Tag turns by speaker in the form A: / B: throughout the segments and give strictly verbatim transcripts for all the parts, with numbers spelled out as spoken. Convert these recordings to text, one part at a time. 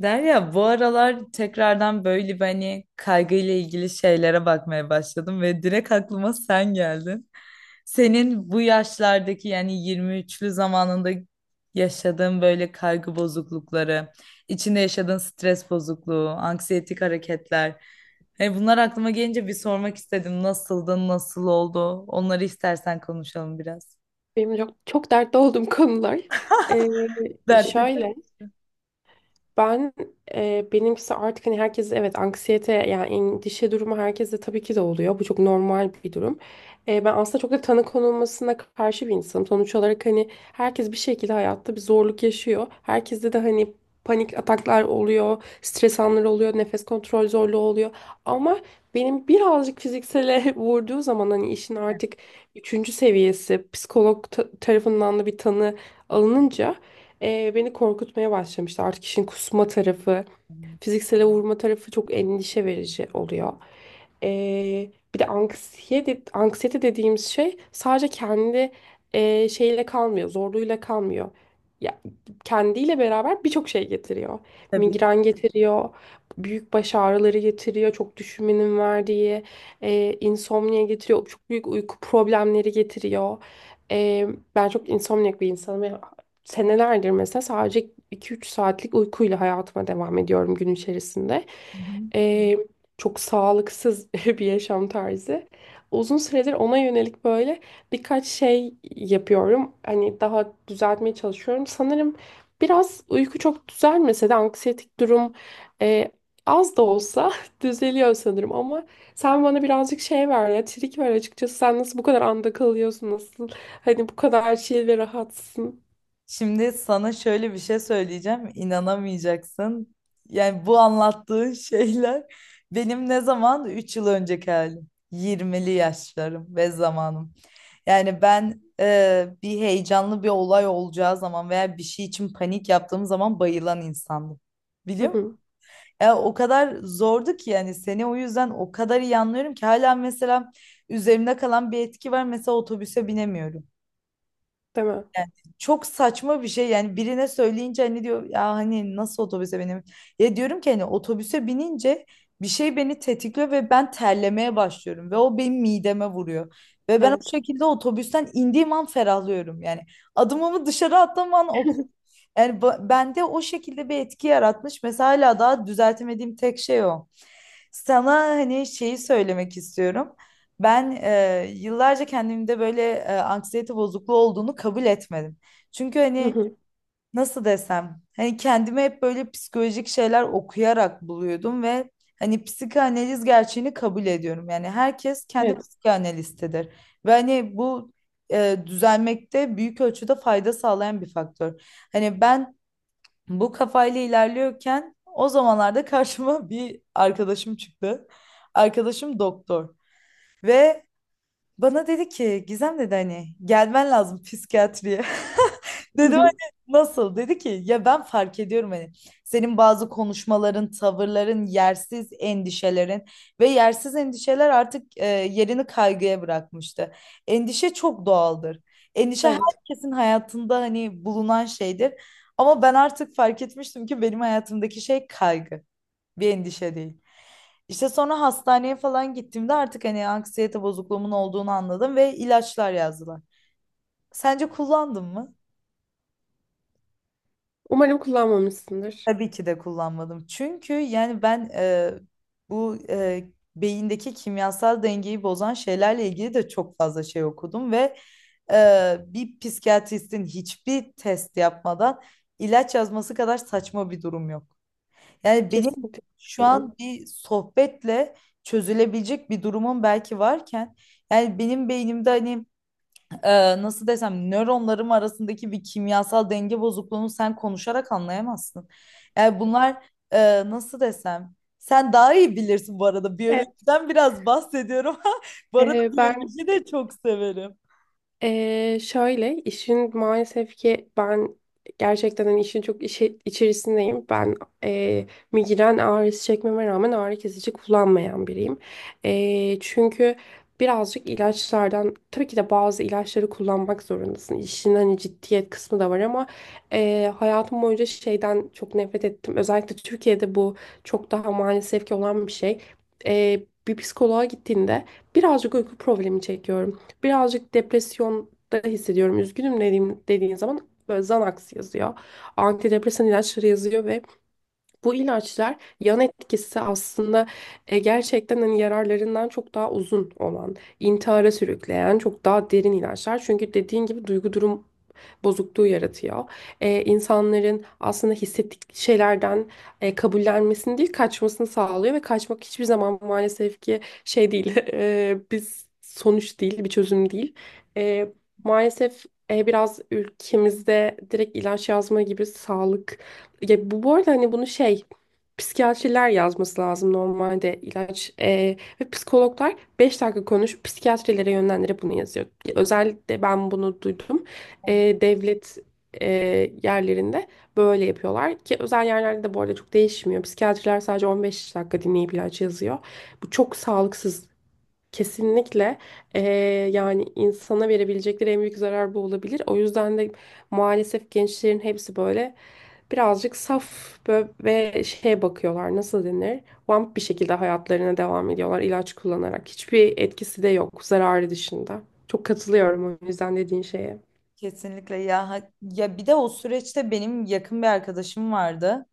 A: Derya, bu aralar tekrardan böyle bir hani kaygıyla ilgili şeylere bakmaya başladım ve direkt aklıma sen geldin. Senin bu yaşlardaki yani yirmi üçlü zamanında yaşadığın böyle kaygı bozuklukları, içinde yaşadığın stres bozukluğu, anksiyetik hareketler. E bunlar aklıma gelince bir sormak istedim. Nasıldı, nasıl oldu? Onları istersen konuşalım biraz.
B: Benim çok, çok dertli olduğum konular. Ee,
A: Dertli.
B: şöyle, ben e, benimkisi artık hani herkes evet anksiyete yani endişe durumu herkeste tabii ki de oluyor. Bu çok normal bir durum. E, ben aslında çok da tanı konulmasına karşı bir insanım. Sonuç olarak hani herkes bir şekilde hayatta bir zorluk yaşıyor. Herkeste de hani panik ataklar oluyor, stres anları oluyor, nefes kontrol zorluğu oluyor. Ama benim birazcık fiziksele vurduğu zaman hani işin artık üçüncü seviyesi psikolog ta- tarafından da bir tanı alınınca ee, beni korkutmaya başlamıştı. Artık işin kusma tarafı, fiziksele vurma tarafı çok endişe verici oluyor. Ee, bir de anksiyete, anksiyete dediğimiz şey sadece kendi e, şeyle kalmıyor, zorluğuyla kalmıyor. Ya, kendiyle beraber birçok şey getiriyor.
A: Tabii.
B: Migren getiriyor, büyük baş ağrıları getiriyor, çok düşünmenin verdiği, e, insomnia getiriyor, çok büyük uyku problemleri getiriyor. Ee, Ben çok insomniak bir insanım, senelerdir mesela sadece iki üç saatlik uykuyla hayatıma devam ediyorum gün içerisinde. Ee, Çok sağlıksız bir yaşam tarzı. Uzun süredir ona yönelik böyle birkaç şey yapıyorum. Hani daha düzeltmeye çalışıyorum. Sanırım biraz uyku çok düzelmese de anksiyetik durum e, az da olsa düzeliyor sanırım, ama sen bana birazcık şey ver ya, trik ver açıkçası. Sen nasıl bu kadar anda kalıyorsun, nasıl hani bu kadar chill ve rahatsın?
A: Şimdi sana şöyle bir şey söyleyeceğim, inanamayacaksın. Yani bu anlattığın şeyler benim ne zaman üç yıl önceki halim. Yirmili yaşlarım ve zamanım. Yani ben e, bir heyecanlı bir olay olacağı zaman veya bir şey için panik yaptığım zaman bayılan insandım.
B: Hı
A: Biliyor musun?
B: hı.
A: Ya o kadar zordu ki yani seni o yüzden o kadar iyi anlıyorum ki hala mesela üzerimde kalan bir etki var. Mesela otobüse binemiyorum.
B: Değil.
A: Yani çok saçma bir şey yani birine söyleyince hani diyor ya hani nasıl otobüse benim, ya diyorum ki hani otobüse binince bir şey beni tetikliyor ve ben terlemeye başlıyorum ve o benim mideme vuruyor ve ben o
B: Evet.
A: şekilde otobüsten indiğim an ferahlıyorum yani adımımı dışarı attığım an o, yani ba- bende o şekilde bir etki yaratmış mesela hala daha düzeltemediğim tek şey o. Sana hani şeyi söylemek istiyorum. Ben e, yıllarca kendimde böyle e, anksiyete bozukluğu olduğunu kabul etmedim. Çünkü
B: Hı
A: hani
B: hı.
A: nasıl desem hani kendime hep böyle psikolojik şeyler okuyarak buluyordum ve hani psikanaliz gerçeğini kabul ediyorum. Yani herkes kendi
B: Evet.
A: psikanalistidir ve hani bu e, düzelmekte büyük ölçüde fayda sağlayan bir faktör. Hani ben bu kafayla ilerliyorken o zamanlarda karşıma bir arkadaşım çıktı. Arkadaşım doktor ve bana dedi ki Gizem dedi hani gelmen lazım psikiyatriye.
B: Hı
A: Dedim
B: hı.
A: hani nasıl? Dedi ki ya ben fark ediyorum hani senin bazı konuşmaların, tavırların, yersiz endişelerin ve yersiz endişeler artık e, yerini kaygıya bırakmıştı. Endişe çok doğaldır. Endişe
B: Evet.
A: herkesin hayatında hani bulunan şeydir. Ama ben artık fark etmiştim ki benim hayatımdaki şey kaygı, bir endişe değil. İşte sonra hastaneye falan gittiğimde artık hani anksiyete bozukluğumun olduğunu anladım ve ilaçlar yazdılar. Sence kullandın mı?
B: Umarım kullanmamışsındır.
A: Tabii ki de kullanmadım. Çünkü yani ben e, bu e, beyindeki kimyasal dengeyi bozan şeylerle ilgili de çok fazla şey okudum ve e, bir psikiyatristin hiçbir test yapmadan ilaç yazması kadar saçma bir durum yok. Yani benim
B: Kesinlikle
A: şu
B: katılıyorum.
A: an bir sohbetle çözülebilecek bir durumum belki varken yani benim beynimde hani e, nasıl desem nöronlarım arasındaki bir kimyasal denge bozukluğunu sen konuşarak anlayamazsın. Yani bunlar e, nasıl desem sen daha iyi bilirsin bu arada
B: Evet.
A: biyolojiden biraz bahsediyorum. Bu arada
B: Ee, ben
A: biyolojiyi de çok severim.
B: Ee, şöyle, işin maalesef ki ben gerçekten hani işin çok işi, içerisindeyim. Ben e, migren ağrısı çekmeme rağmen ağrı kesici kullanmayan biriyim. E, çünkü birazcık ilaçlardan, tabii ki de bazı ilaçları kullanmak zorundasın. İşin hani ciddiyet kısmı da var, ama e, hayatım boyunca şeyden çok nefret ettim. Özellikle Türkiye'de bu çok daha maalesef ki olan bir şey. E, Bir psikoloğa gittiğinde, birazcık uyku problemi çekiyorum, birazcık depresyonda hissediyorum, üzgünüm dediğim, dediğin zaman böyle Xanax yazıyor. Antidepresan ilaçları yazıyor, ve bu ilaçlar yan etkisi aslında e, gerçekten hani yararlarından çok daha uzun olan, intihara sürükleyen, çok daha derin ilaçlar. Çünkü dediğin gibi duygu durum bozukluğu yaratıyor. E, insanların aslında hissettikleri şeylerden e, kabullenmesini değil, kaçmasını sağlıyor, ve kaçmak hiçbir zaman maalesef ki şey değil, e, biz sonuç değil, bir çözüm değil. E, maalesef e, biraz ülkemizde direkt ilaç yazma gibi sağlık, ya bu, bu arada hani bunu şey, psikiyatriler yazması lazım normalde ilaç, e, ve psikologlar beş dakika konuş, psikiyatrilere yönlendirip bunu yazıyor. Özellikle ben bunu duydum, e, devlet e, yerlerinde böyle yapıyorlar, ki özel yerlerde de bu arada çok değişmiyor. Psikiyatriler sadece on beş dakika dinleyip ilaç yazıyor. Bu çok sağlıksız. Kesinlikle, e, yani insana verebilecekleri en büyük zarar bu olabilir. O yüzden de maalesef gençlerin hepsi böyle birazcık saf, bö- ve şeye bakıyorlar, nasıl denir? Vamp bir şekilde hayatlarına devam ediyorlar ilaç kullanarak. Hiçbir etkisi de yok, zararı dışında. Çok katılıyorum o yüzden dediğin şeye.
A: Kesinlikle ya ha- ya bir de o süreçte benim yakın bir arkadaşım vardı.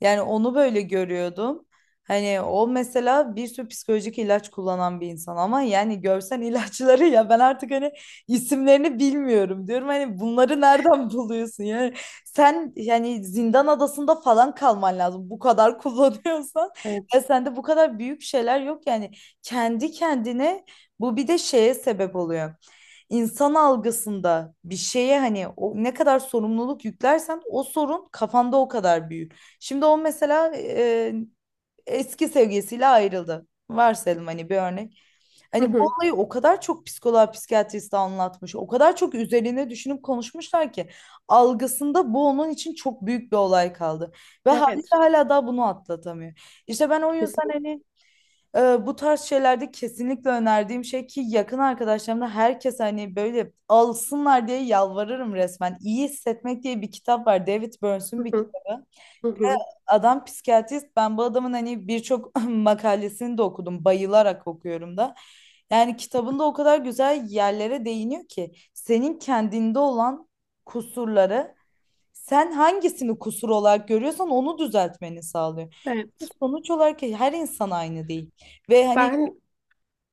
A: Yani onu böyle görüyordum. Hani o mesela bir sürü psikolojik ilaç kullanan bir insan ama yani görsen ilaçları ya ben artık hani isimlerini bilmiyorum diyorum. Hani bunları nereden buluyorsun? Yani sen yani zindan adasında falan kalman lazım bu kadar kullanıyorsan. Ya
B: Evet.
A: sende bu kadar büyük şeyler yok yani kendi kendine bu bir de şeye sebep oluyor insan algısında bir şeye hani o ne kadar sorumluluk yüklersen o sorun kafanda o kadar büyür. Şimdi o mesela e, eski sevgilisiyle ayrıldı. Varsayalım hani bir örnek.
B: Hı
A: Hani bu
B: hı.
A: olayı o kadar çok psikoloğa, psikiyatriste anlatmış, o kadar çok üzerine düşünüp konuşmuşlar ki algısında bu onun için çok büyük bir olay kaldı. Ve haliyle
B: Evet.
A: hala daha bunu atlatamıyor. İşte ben o yüzden
B: Kesinlikle.
A: hani ee, bu tarz şeylerde kesinlikle önerdiğim şey ki yakın arkadaşlarımda herkes hani böyle alsınlar diye yalvarırım resmen. İyi Hissetmek diye bir kitap var. David Burns'un
B: Hı
A: bir
B: hı.
A: kitabı.
B: Hı hı.
A: Adam psikiyatrist. Ben bu adamın hani birçok makalesini de okudum. Bayılarak okuyorum da. Yani kitabında o kadar güzel yerlere değiniyor ki senin kendinde olan kusurları sen hangisini kusur olarak görüyorsan onu düzeltmeni sağlıyor.
B: Evet.
A: Sonuç olarak her insan aynı değil. Ve hani
B: Ben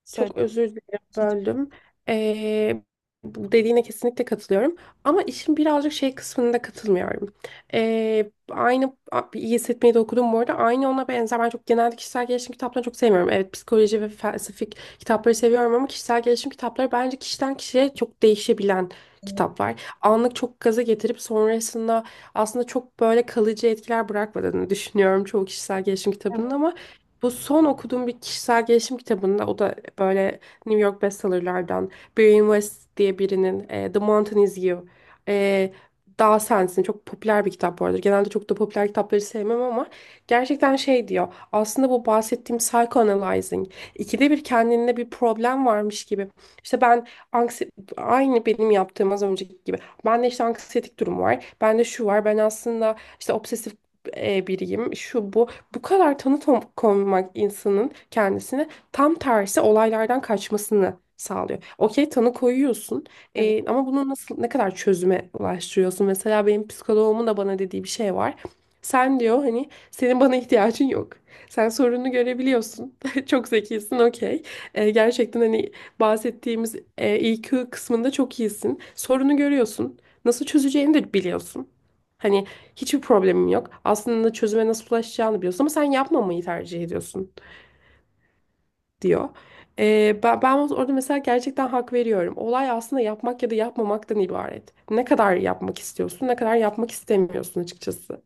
A: söyle.
B: Çok özür dilerim,
A: Hiç.
B: böldüm. Ee, Bu dediğine kesinlikle katılıyorum. Ama işin birazcık şey kısmında katılmıyorum. Ee, aynı a- iyi hissetmeyi de okudum bu arada. Aynı ona benzer. Ben çok genelde kişisel gelişim kitaplarını çok sevmiyorum. Evet, psikoloji ve felsefik kitapları seviyorum, ama kişisel gelişim kitapları bence kişiden kişiye çok değişebilen
A: Kesinlikle.
B: kitaplar. Anlık çok gaza getirip sonrasında aslında çok böyle kalıcı etkiler bırakmadığını düşünüyorum çoğu kişisel gelişim kitabının. Ama bu son okuduğum bir kişisel gelişim kitabında, o da böyle New York bestsellerlardan, Brian West diye birinin e, The Mountain Is You, e, Dağ Sensin, çok popüler bir kitap bu arada. Genelde çok da popüler kitapları sevmem, ama gerçekten şey diyor. Aslında bu bahsettiğim psychoanalyzing, İkide bir kendinde bir problem varmış gibi. İşte ben, anksi aynı benim yaptığım az önceki gibi. Bende işte anksiyetik durum var. Bende şu var. Ben aslında işte obsesif e, biriyim. Şu bu. Bu kadar tanı to- konmak insanın kendisine, tam tersi, olaylardan kaçmasını sağlıyor. Okey, tanı koyuyorsun, e, ama bunu nasıl, ne kadar çözüme ulaştırıyorsun? Mesela benim psikoloğumun da bana dediği bir şey var. Sen, diyor, hani senin bana ihtiyacın yok. Sen sorununu görebiliyorsun. Çok zekisin, okey. E, gerçekten hani bahsettiğimiz e, I Q kısmında çok iyisin. Sorunu görüyorsun. Nasıl çözeceğini de biliyorsun. Hani, hiçbir problemim yok. Aslında çözüme nasıl ulaşacağını biliyorsun, ama sen yapmamayı tercih ediyorsun, diyor. Ee, ben, ben orada mesela gerçekten hak veriyorum. Olay aslında yapmak ya da yapmamaktan ibaret. Ne kadar yapmak istiyorsun, ne kadar yapmak istemiyorsun açıkçası.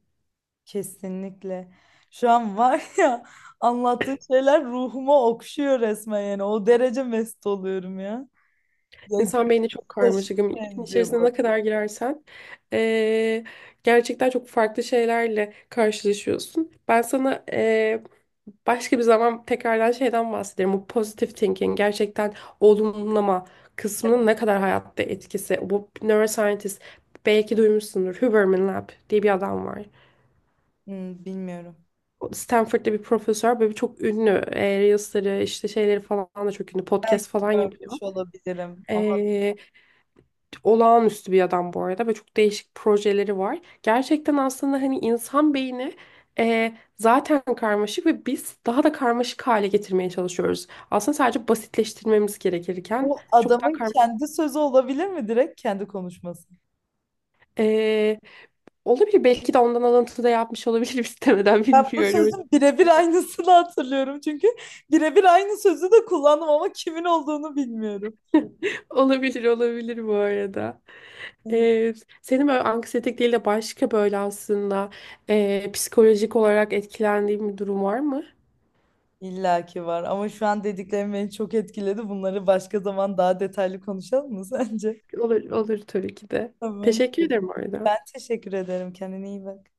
A: Kesinlikle. Şu an var ya anlattığın şeyler ruhuma okşuyor resmen yani. O derece mest oluyorum ya. Ya
B: İnsan
A: Gürcü
B: beyni çok
A: taşına
B: karmaşık, ama İşin
A: benziyor
B: içerisine ne
A: bu.
B: kadar girersen ee, gerçekten çok farklı şeylerle karşılaşıyorsun. Ben sana ee, başka bir zaman tekrardan şeyden bahsederim. Bu positive thinking, gerçekten olumlama kısmının ne kadar hayatta etkisi. Bu neuroscientist, belki duymuşsundur, Huberman Lab diye bir adam var.
A: Hmm, bilmiyorum.
B: O Stanford'da bir profesör, böyle çok ünlü. E, Reels'leri, işte şeyleri falan da çok ünlü.
A: Belki
B: Podcast falan yapıyor.
A: görmüş olabilirim ama
B: Ee, Olağanüstü bir adam bu arada, ve çok değişik projeleri var. Gerçekten aslında hani insan beyni e, zaten karmaşık, ve biz daha da karmaşık hale getirmeye çalışıyoruz. Aslında sadece basitleştirmemiz gerekirken
A: bu
B: çok daha
A: adamın
B: karmaşık.
A: kendi sözü olabilir mi, direkt kendi konuşması?
B: E, Olabilir, belki de ondan alıntı da yapmış olabilirim. istemeden
A: Ben bu
B: bilmiyorum.
A: sözün birebir aynısını hatırlıyorum çünkü birebir aynı sözü de kullandım ama kimin olduğunu bilmiyorum.
B: Olabilir, olabilir bu arada. E, Senin böyle anksiyetik değil de başka, böyle aslında e, psikolojik olarak etkilendiğin bir durum var mı?
A: İlla ki var ama şu an dediklerim beni çok etkiledi. Bunları başka zaman daha detaylı konuşalım mı sence?
B: Olur, olur, tabii ki de.
A: Tamam.
B: Teşekkür ederim orada.
A: Ben teşekkür ederim. Kendine iyi bak.